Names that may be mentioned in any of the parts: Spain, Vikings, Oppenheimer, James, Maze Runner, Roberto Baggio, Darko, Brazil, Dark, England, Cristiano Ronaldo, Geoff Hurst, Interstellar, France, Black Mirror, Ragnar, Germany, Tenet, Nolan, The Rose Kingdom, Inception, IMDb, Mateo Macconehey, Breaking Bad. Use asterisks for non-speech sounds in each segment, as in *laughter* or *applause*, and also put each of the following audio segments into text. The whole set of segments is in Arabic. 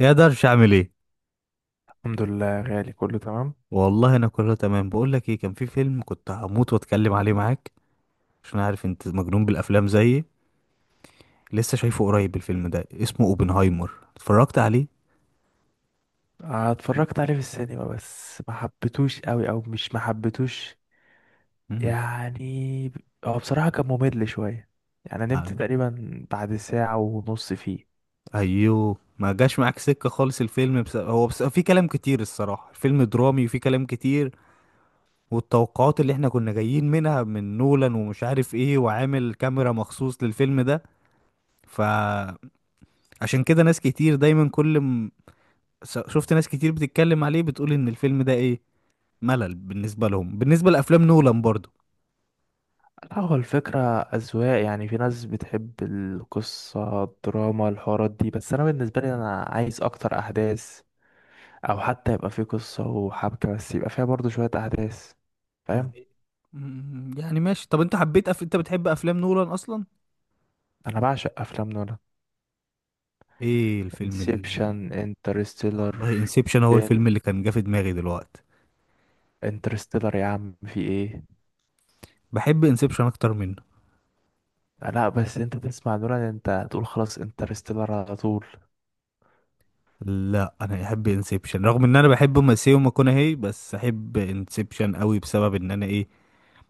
يا درش، عامل ايه؟ الحمد لله، غالي، كله تمام. والله انا كله تمام. بقول لك ايه، كان في فيلم كنت هموت واتكلم عليه معاك، عشان عارف انت مجنون بالافلام زيي. لسه شايفه قريب، الفيلم ده اسمه اوبنهايمر، اتفرجت عليه؟ آه، اتفرجت عليه في السينما، بس ما حبيتوش قوي، او مش ما حبيتوش مم. يعني. هو بصراحة كان ممل شوية، يعني نمت عن- تقريبا بعد ساعة ونص فيه. ايوه، ما جاش معاك سكة خالص الفيلم، بس هو بس في كلام كتير الصراحة. الفيلم درامي وفي كلام كتير، والتوقعات اللي احنا كنا جايين منها من نولان ومش عارف ايه، وعامل كاميرا مخصوص للفيلم ده. فعشان كده ناس كتير دايما كل... شفت ناس كتير بتتكلم عليه، بتقول ان الفيلم ده ايه، ملل بالنسبه لهم، بالنسبه لافلام نولان برضو. لا، هو الفكرة أذواق، يعني في ناس بتحب القصة، الدراما، الحوارات دي، بس أنا بالنسبة لي أنا عايز أكتر أحداث، أو حتى يبقى في قصة وحبكة بس يبقى فيها برضو شوية أحداث. فاهم؟ يعني يعني ماشي. طب انت حبيت انت بتحب افلام نولان اصلا؟ أنا بعشق أفلام نولان. ايه الفيلم ال...؟ انسبشن، انترستيلر. والله انسبشن هو الفيلم اللي كان جه في دماغي دلوقتي. انترستيلر يا عم في ايه؟ بحب انسبشن اكتر منه. لا، بس انت تسمع نولان انت تقول خلاص انترستيلر على طول. لا، انا احب انسبشن رغم ان انا بحب ماسيو ماكونهي، بس احب انسبشن قوي بسبب ان انا ايه،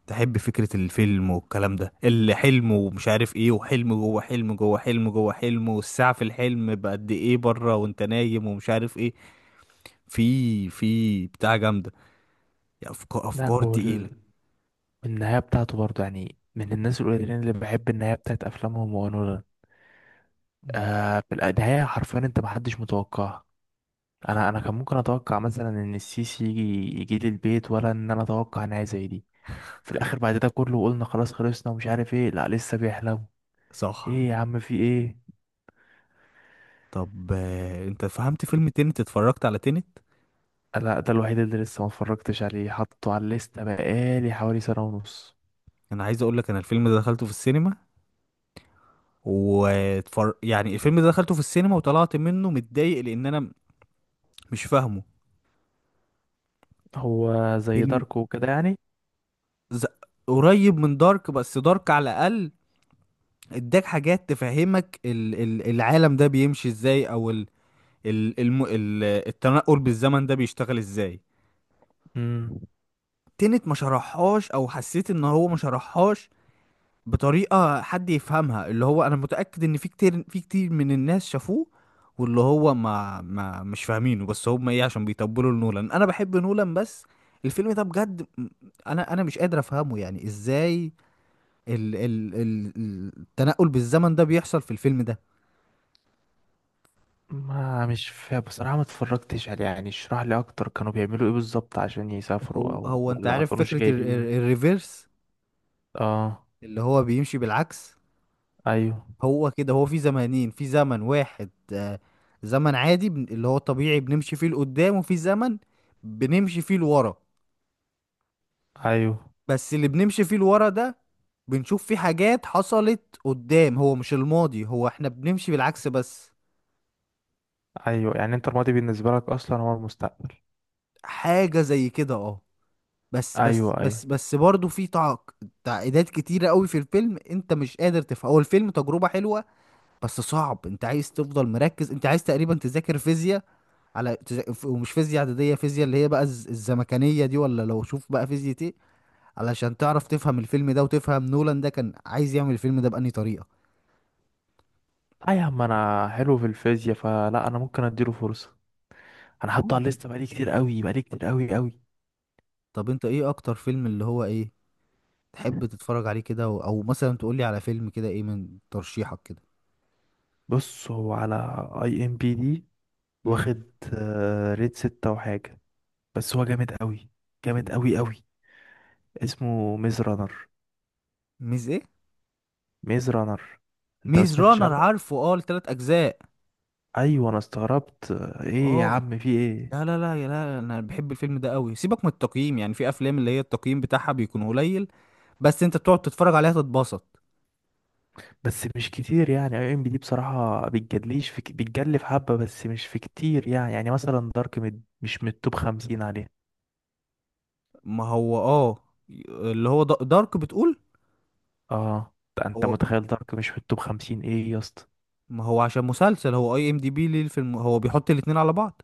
تحب فكرة الفيلم والكلام ده، الحلم ومش عارف ايه، وحلم جوه حلم جوه حلم جوه حلم، والساعة في الحلم بقد ايه بره وانت نايم ومش عارف ايه. في بتاع جامدة، يعني افكار لا افكار تقيلة. النهايه بتاعته برضه، يعني من الناس القليلين اللي بحب النهايه بتاعت افلامهم هو نولان. مم. آه، في النهايه حرفيا انت محدش متوقعها. انا كان ممكن اتوقع مثلا ان السيسي يجي، يجي لي البيت، ولا ان انا اتوقع نهايه زي دي. في الاخر بعد ده كله قلنا خلاص خلصنا ومش عارف ايه، لا لسه بيحلم. صح. ايه يا عم في ايه؟ طب انت فهمت فيلم تينت؟ اتفرجت على تينت؟ لا، ده الوحيد اللي لسه ما اتفرجتش عليه، حطه على الليسته بقالي حوالي سنه ونص. انا عايز اقول لك انا الفيلم ده دخلته في السينما، يعني الفيلم ده دخلته في السينما وطلعت منه متضايق لان انا مش فاهمه. هو زي فيلم داركو وكده يعني؟ ز... قريب من دارك، بس دارك على الاقل اداك حاجات تفهمك العالم ده بيمشي ازاي، او ال الم التنقل بالزمن ده بيشتغل ازاي. امم، تنت ما شرحهاش، او حسيت ان هو ما شرحهاش بطريقة حد يفهمها. اللي هو انا متأكد ان في كتير في كتير من الناس شافوه واللي هو ما مش فاهمينه، بس هم ايه، عشان بيطبلوا لنولان. انا بحب نولان، بس الفيلم ده بجد انا مش قادر افهمه، يعني ازاي ال التنقل بالزمن ده بيحصل في الفيلم ده. ما مش فا بصراحة ما اتفرجتش عليه، يعني اشرح لي اكتر، كانوا بيعملوا ايه بالظبط عشان يسافروا هو او هو انت ولا ما عارف كانوش فكرة جايبين؟ الريفيرس، اه. اللي هو بيمشي بالعكس. ايوه، هو كده، هو في زمانين، في زمن واحد، زمن عادي اللي هو طبيعي بنمشي فيه لقدام، وفي زمن بنمشي فيه لورا. ايوه، بس اللي بنمشي فيه لورا ده بنشوف فيه حاجات حصلت قدام، هو مش الماضي، هو احنا بنمشي بالعكس بس. ايوه، يعني انت الماضي بالنسبة لك اصلا هو المستقبل. حاجة زي كده، اه. بس بس ايوه، بس ايوه. بس برضه في تعقيدات كتيرة قوي في الفيلم، انت مش قادر تفهم. هو الفيلم تجربة حلوة بس صعب، انت عايز تفضل مركز، انت عايز تقريبا تذاكر فيزياء. على ومش فيزياء اعداديه، فيزياء اللي هي بقى الزمكانيه دي، ولا لو شوف بقى فيزياء ايه، علشان تعرف تفهم الفيلم ده وتفهم نولان ده كان عايز يعمل الفيلم ده بأنهي طريقه. لا يا عم، انا حلو في الفيزياء فلا، انا ممكن اديله فرصة. انا حاطه على مم. الليسته بقالي كتير قوي، بقالي كتير قوي قوي. طب انت ايه اكتر فيلم اللي هو ايه تحب تتفرج عليه كده او مثلا تقول لي على فيلم كده، ايه من ترشيحك كده؟ بص، هو على اي ام بي دي امم. واخد آه، ريت ستة وحاجة، بس هو جامد قوي، جامد فيلم. قوي قوي. اسمه ميز رانر. ميز ايه؟ ميز رانر، انت ما ميز سمعتش رانر؟ عنه؟ عارفه، اه، التلات اجزاء. ايوه، انا استغربت. ايه يا اه. عم في ايه؟ لا لا لا يا لا، انا بحب الفيلم ده قوي، سيبك من التقييم. يعني في افلام اللي هي التقييم بتاعها بيكون قليل بس انت بتقعد تتفرج عليها تتبسط. بس مش كتير، يعني اي ام بي دي بصراحه بتجدليش في، بتجلي في حبه بس مش في كتير، يعني مثلا دارك، مش من التوب 50 عليه. ما هو اه، اللي هو دارك بتقول. اه، ده انت هو، متخيل دارك مش في التوب 50؟ ايه يا اسطى. ما هو عشان مسلسل، هو اي ام دي بي للفيلم، هو بيحط الاتنين على بعض.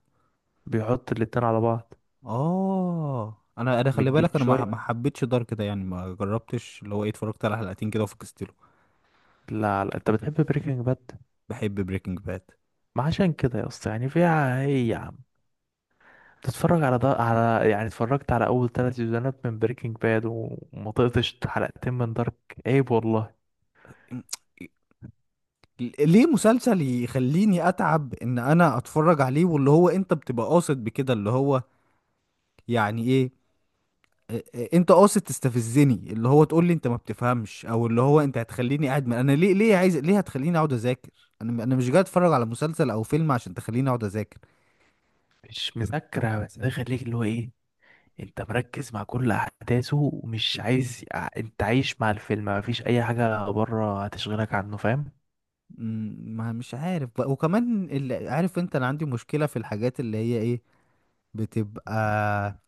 بيحط الاتنين على بعض. اه، انا خلي مدين بالك، انا ما شويه. ما حبيتش دارك ده، يعني ما جربتش، اللي هو ايه، اتفرجت على حلقتين كده وفكستله. لا لا، انت بتحب بريكنج باد. بحب بريكنج باد. ما عشان كده يا اسطى، يعني فيها ايه يا عم؟ تتفرج على ده على، يعني اتفرجت على اول ثلاث سيزونات من بريكنج باد وما طقتش حلقتين من دارك. عيب والله. ليه مسلسل يخليني اتعب ان انا اتفرج عليه؟ واللي هو انت بتبقى قاصد بكده، اللي هو يعني ايه؟ إيه، انت قاصد تستفزني؟ اللي هو تقول لي انت ما بتفهمش، او اللي هو انت هتخليني قاعد انا ليه، عايز، ليه هتخليني اقعد اذاكر؟ انا مش جاي اتفرج على مسلسل او فيلم عشان تخليني اقعد اذاكر. مش مذاكره، بس ده يخليك اللي هو ايه، انت مركز مع كل احداثه ومش عايز انت عايش مع الفيلم، مفيش اي حاجه بره هتشغلك عنه، فاهم؟ ما مش عارف بقى، وكمان اللي عارف انت، انا عندي مشكلة في الحاجات اللي هي ايه، بتبقى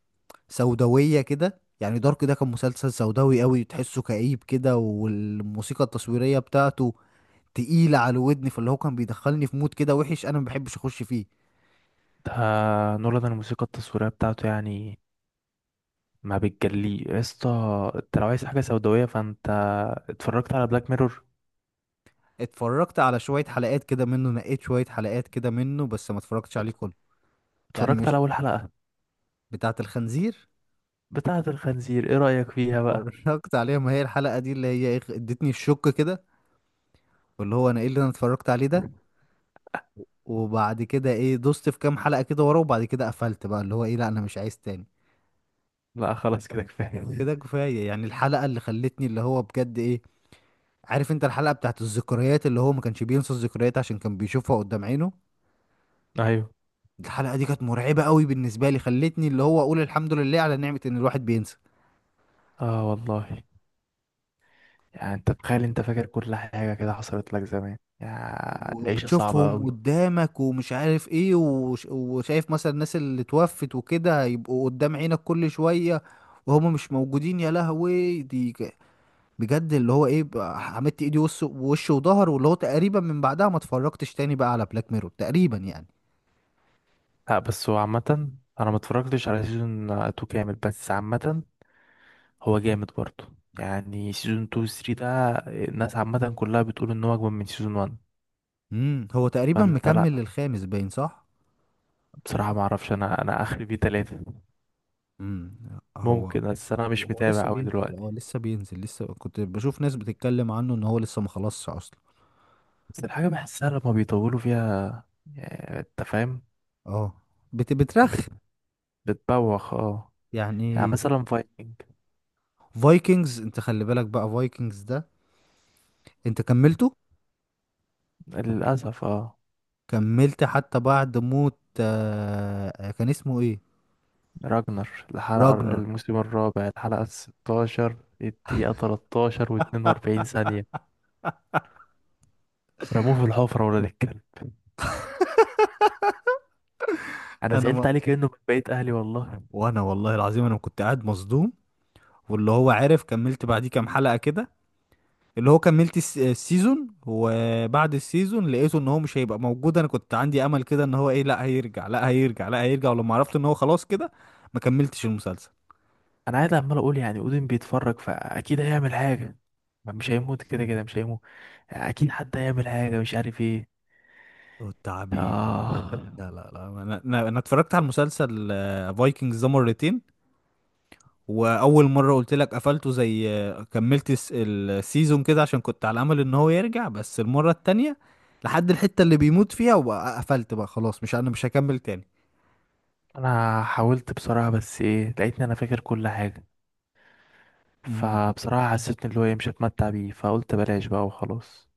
سوداوية كده. يعني دارك ده كان مسلسل سوداوي قوي، تحسه كئيب كده، والموسيقى التصويرية بتاعته تقيلة على الودن، فاللي هو كان بيدخلني في مود كده وحش، انا ما بحبش اخش فيه. ده نولان الموسيقى التصويريه بتاعته، يعني ما بتجلي يا اسطى. انت لو عايز حاجه سوداويه فانت، اتفرجت على بلاك ميرور؟ اتفرجت على شوية حلقات كده منه، نقيت شوية حلقات كده منه، بس ما اتفرجتش عليه كله. يعني اتفرجت على مش اول حلقه، بتاعة الخنزير؟ بتاعه الخنزير؟ ايه رايك فيها بقى؟ اتفرجت عليها، ما هي الحلقة دي اللي هي ايه، ادتني الشك كده، واللي هو انا ايه اللي انا اتفرجت عليه ده. وبعد كده ايه، دوست في كام حلقة كده ورا، وبعد كده قفلت بقى، اللي هو ايه، لا انا مش عايز تاني. لا خلاص، كده كفاية. كده كفاية. يعني الحلقة اللي خلتني اللي هو بجد ايه، عارف انت الحلقة بتاعت الذكريات، اللي هو ما كانش بينسى الذكريات عشان كان بيشوفها قدام عينه. ايوه. الحلقة دي كانت مرعبة قوي بالنسبة لي، خلتني اللي هو اقول الحمد لله على نعمة ان الواحد بينسى، اه والله، يعني انت تخيل انت فاكر كل حاجة كده حصلت لك زمان، يا العيشة صعبة وبتشوفهم قوي. قدامك ومش عارف ايه، وشايف مثلا الناس اللي توفت وكده هيبقوا قدام عينك كل شوية وهم مش موجودين، يا لهوي، بجد اللي هو ايه بقى، عملت ايدي وش وش وظهر. واللي هو تقريبا من بعدها ما اتفرجتش تاني بقى على بلاك ميرور تقريبا، يعني. لا بس هو عامة، انا ما اتفرجتش على سيزون 2 كامل، بس عامة هو جامد برضه. يعني سيزون 2 و 3 ده، الناس عامة كلها بتقول ان هو اجمل من سيزون 1. امم، هو تقريبا فانت لا، مكمل للخامس، باين، صح. بصراحة ما اعرفش، انا اخري فيه تلاتة. امم. هو ممكن، بس انا هو مش هو متابع لسه قوي بينزل، اه دلوقتي. لسه بينزل. لسه كنت بشوف ناس بتتكلم عنه ان هو لسه ما خلصش اصلا. بس الحاجة بحسها لما بيطولوا فيها، يعني انت فاهم، اه، بت- بترخ بتبوخ اه. يعني يعني. مثلا فايكنج. فايكنجز، انت خلي بالك بقى، فايكنجز ده انت كملته؟ للأسف اه. كملت حتى بعد موت، كان اسمه ايه، راجنر. راجنر. الموسم الرابع، الحلقة 16، الدقيقة 13 واتنين *laughs* وأربعين ثانية. رموه في الحفرة ولا الكلب. أنا انا زعلت ما عليه كأنه من بقية أهلي والله. وانا والله العظيم انا كنت قاعد مصدوم، واللي هو عارف كملت بعديه كام حلقة كده، اللي هو كملت السيزون، وبعد السيزون لقيته ان هو مش هيبقى موجود. انا كنت عندي امل كده ان هو ايه، لا هيرجع لا هيرجع لا هيرجع، ولما عرفت ان هو خلاص كده، ما كملتش المسلسل. أنا قاعد عمال أقول يعني أودين بيتفرج فأكيد هيعمل حاجة، ما مش هيموت كده كده، مش هيموت. أكيد حد هيعمل حاجة مش عارف ايه. والتعبين. آه. لا لا لا، انا اتفرجت على المسلسل فايكنجز ده مرتين. واول مره قلت لك قفلته زي، كملت السيزون كده عشان كنت على امل ان هو يرجع، بس المره التانية لحد الحته اللي بيموت فيها وقفلت بقى خلاص، مش انا مش هكمل تاني. أنا حاولت بصراحة، بس ايه، لقيتني أنا فاكر كل حاجة، فبصراحة حسيت إن اللي هو ايه مش هتمتع بيه، فقلت بلاش بقى وخلاص.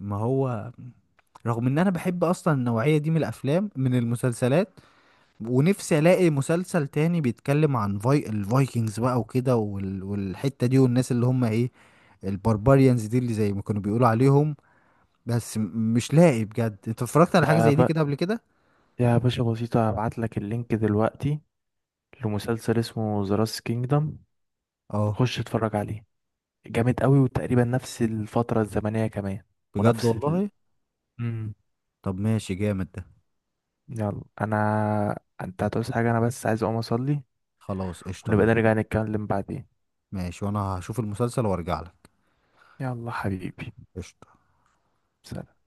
ما هو رغم ان انا بحب اصلا النوعية دي من الافلام من المسلسلات، ونفسي الاقي مسلسل تاني بيتكلم عن الفايكنجز بقى وكده والحتة دي، والناس اللي هم ايه، البربريانز دي، اللي زي ما كانوا بيقولوا عليهم. بس مش لاقي بجد. انت اتفرجت على حاجة يا زي دي ب... كده قبل كده؟ يا باشا بسيطة، هبعت لك اللينك دلوقتي لمسلسل اسمه ذا راس كينجدم، اه، خش اتفرج عليه. جامد قوي وتقريبا نفس الفترة الزمنية كمان بجد ونفس ال... والله. مم. طب ماشي، جامد ده. يلا، انت هتعوز حاجة؟ انا بس عايز اقوم اصلي، خلاص، قشطة، ونبقى ماشي. نرجع نتكلم بعدين. ماشي، وانا هشوف المسلسل وارجع لك. يلا حبيبي. قشطة. سلام.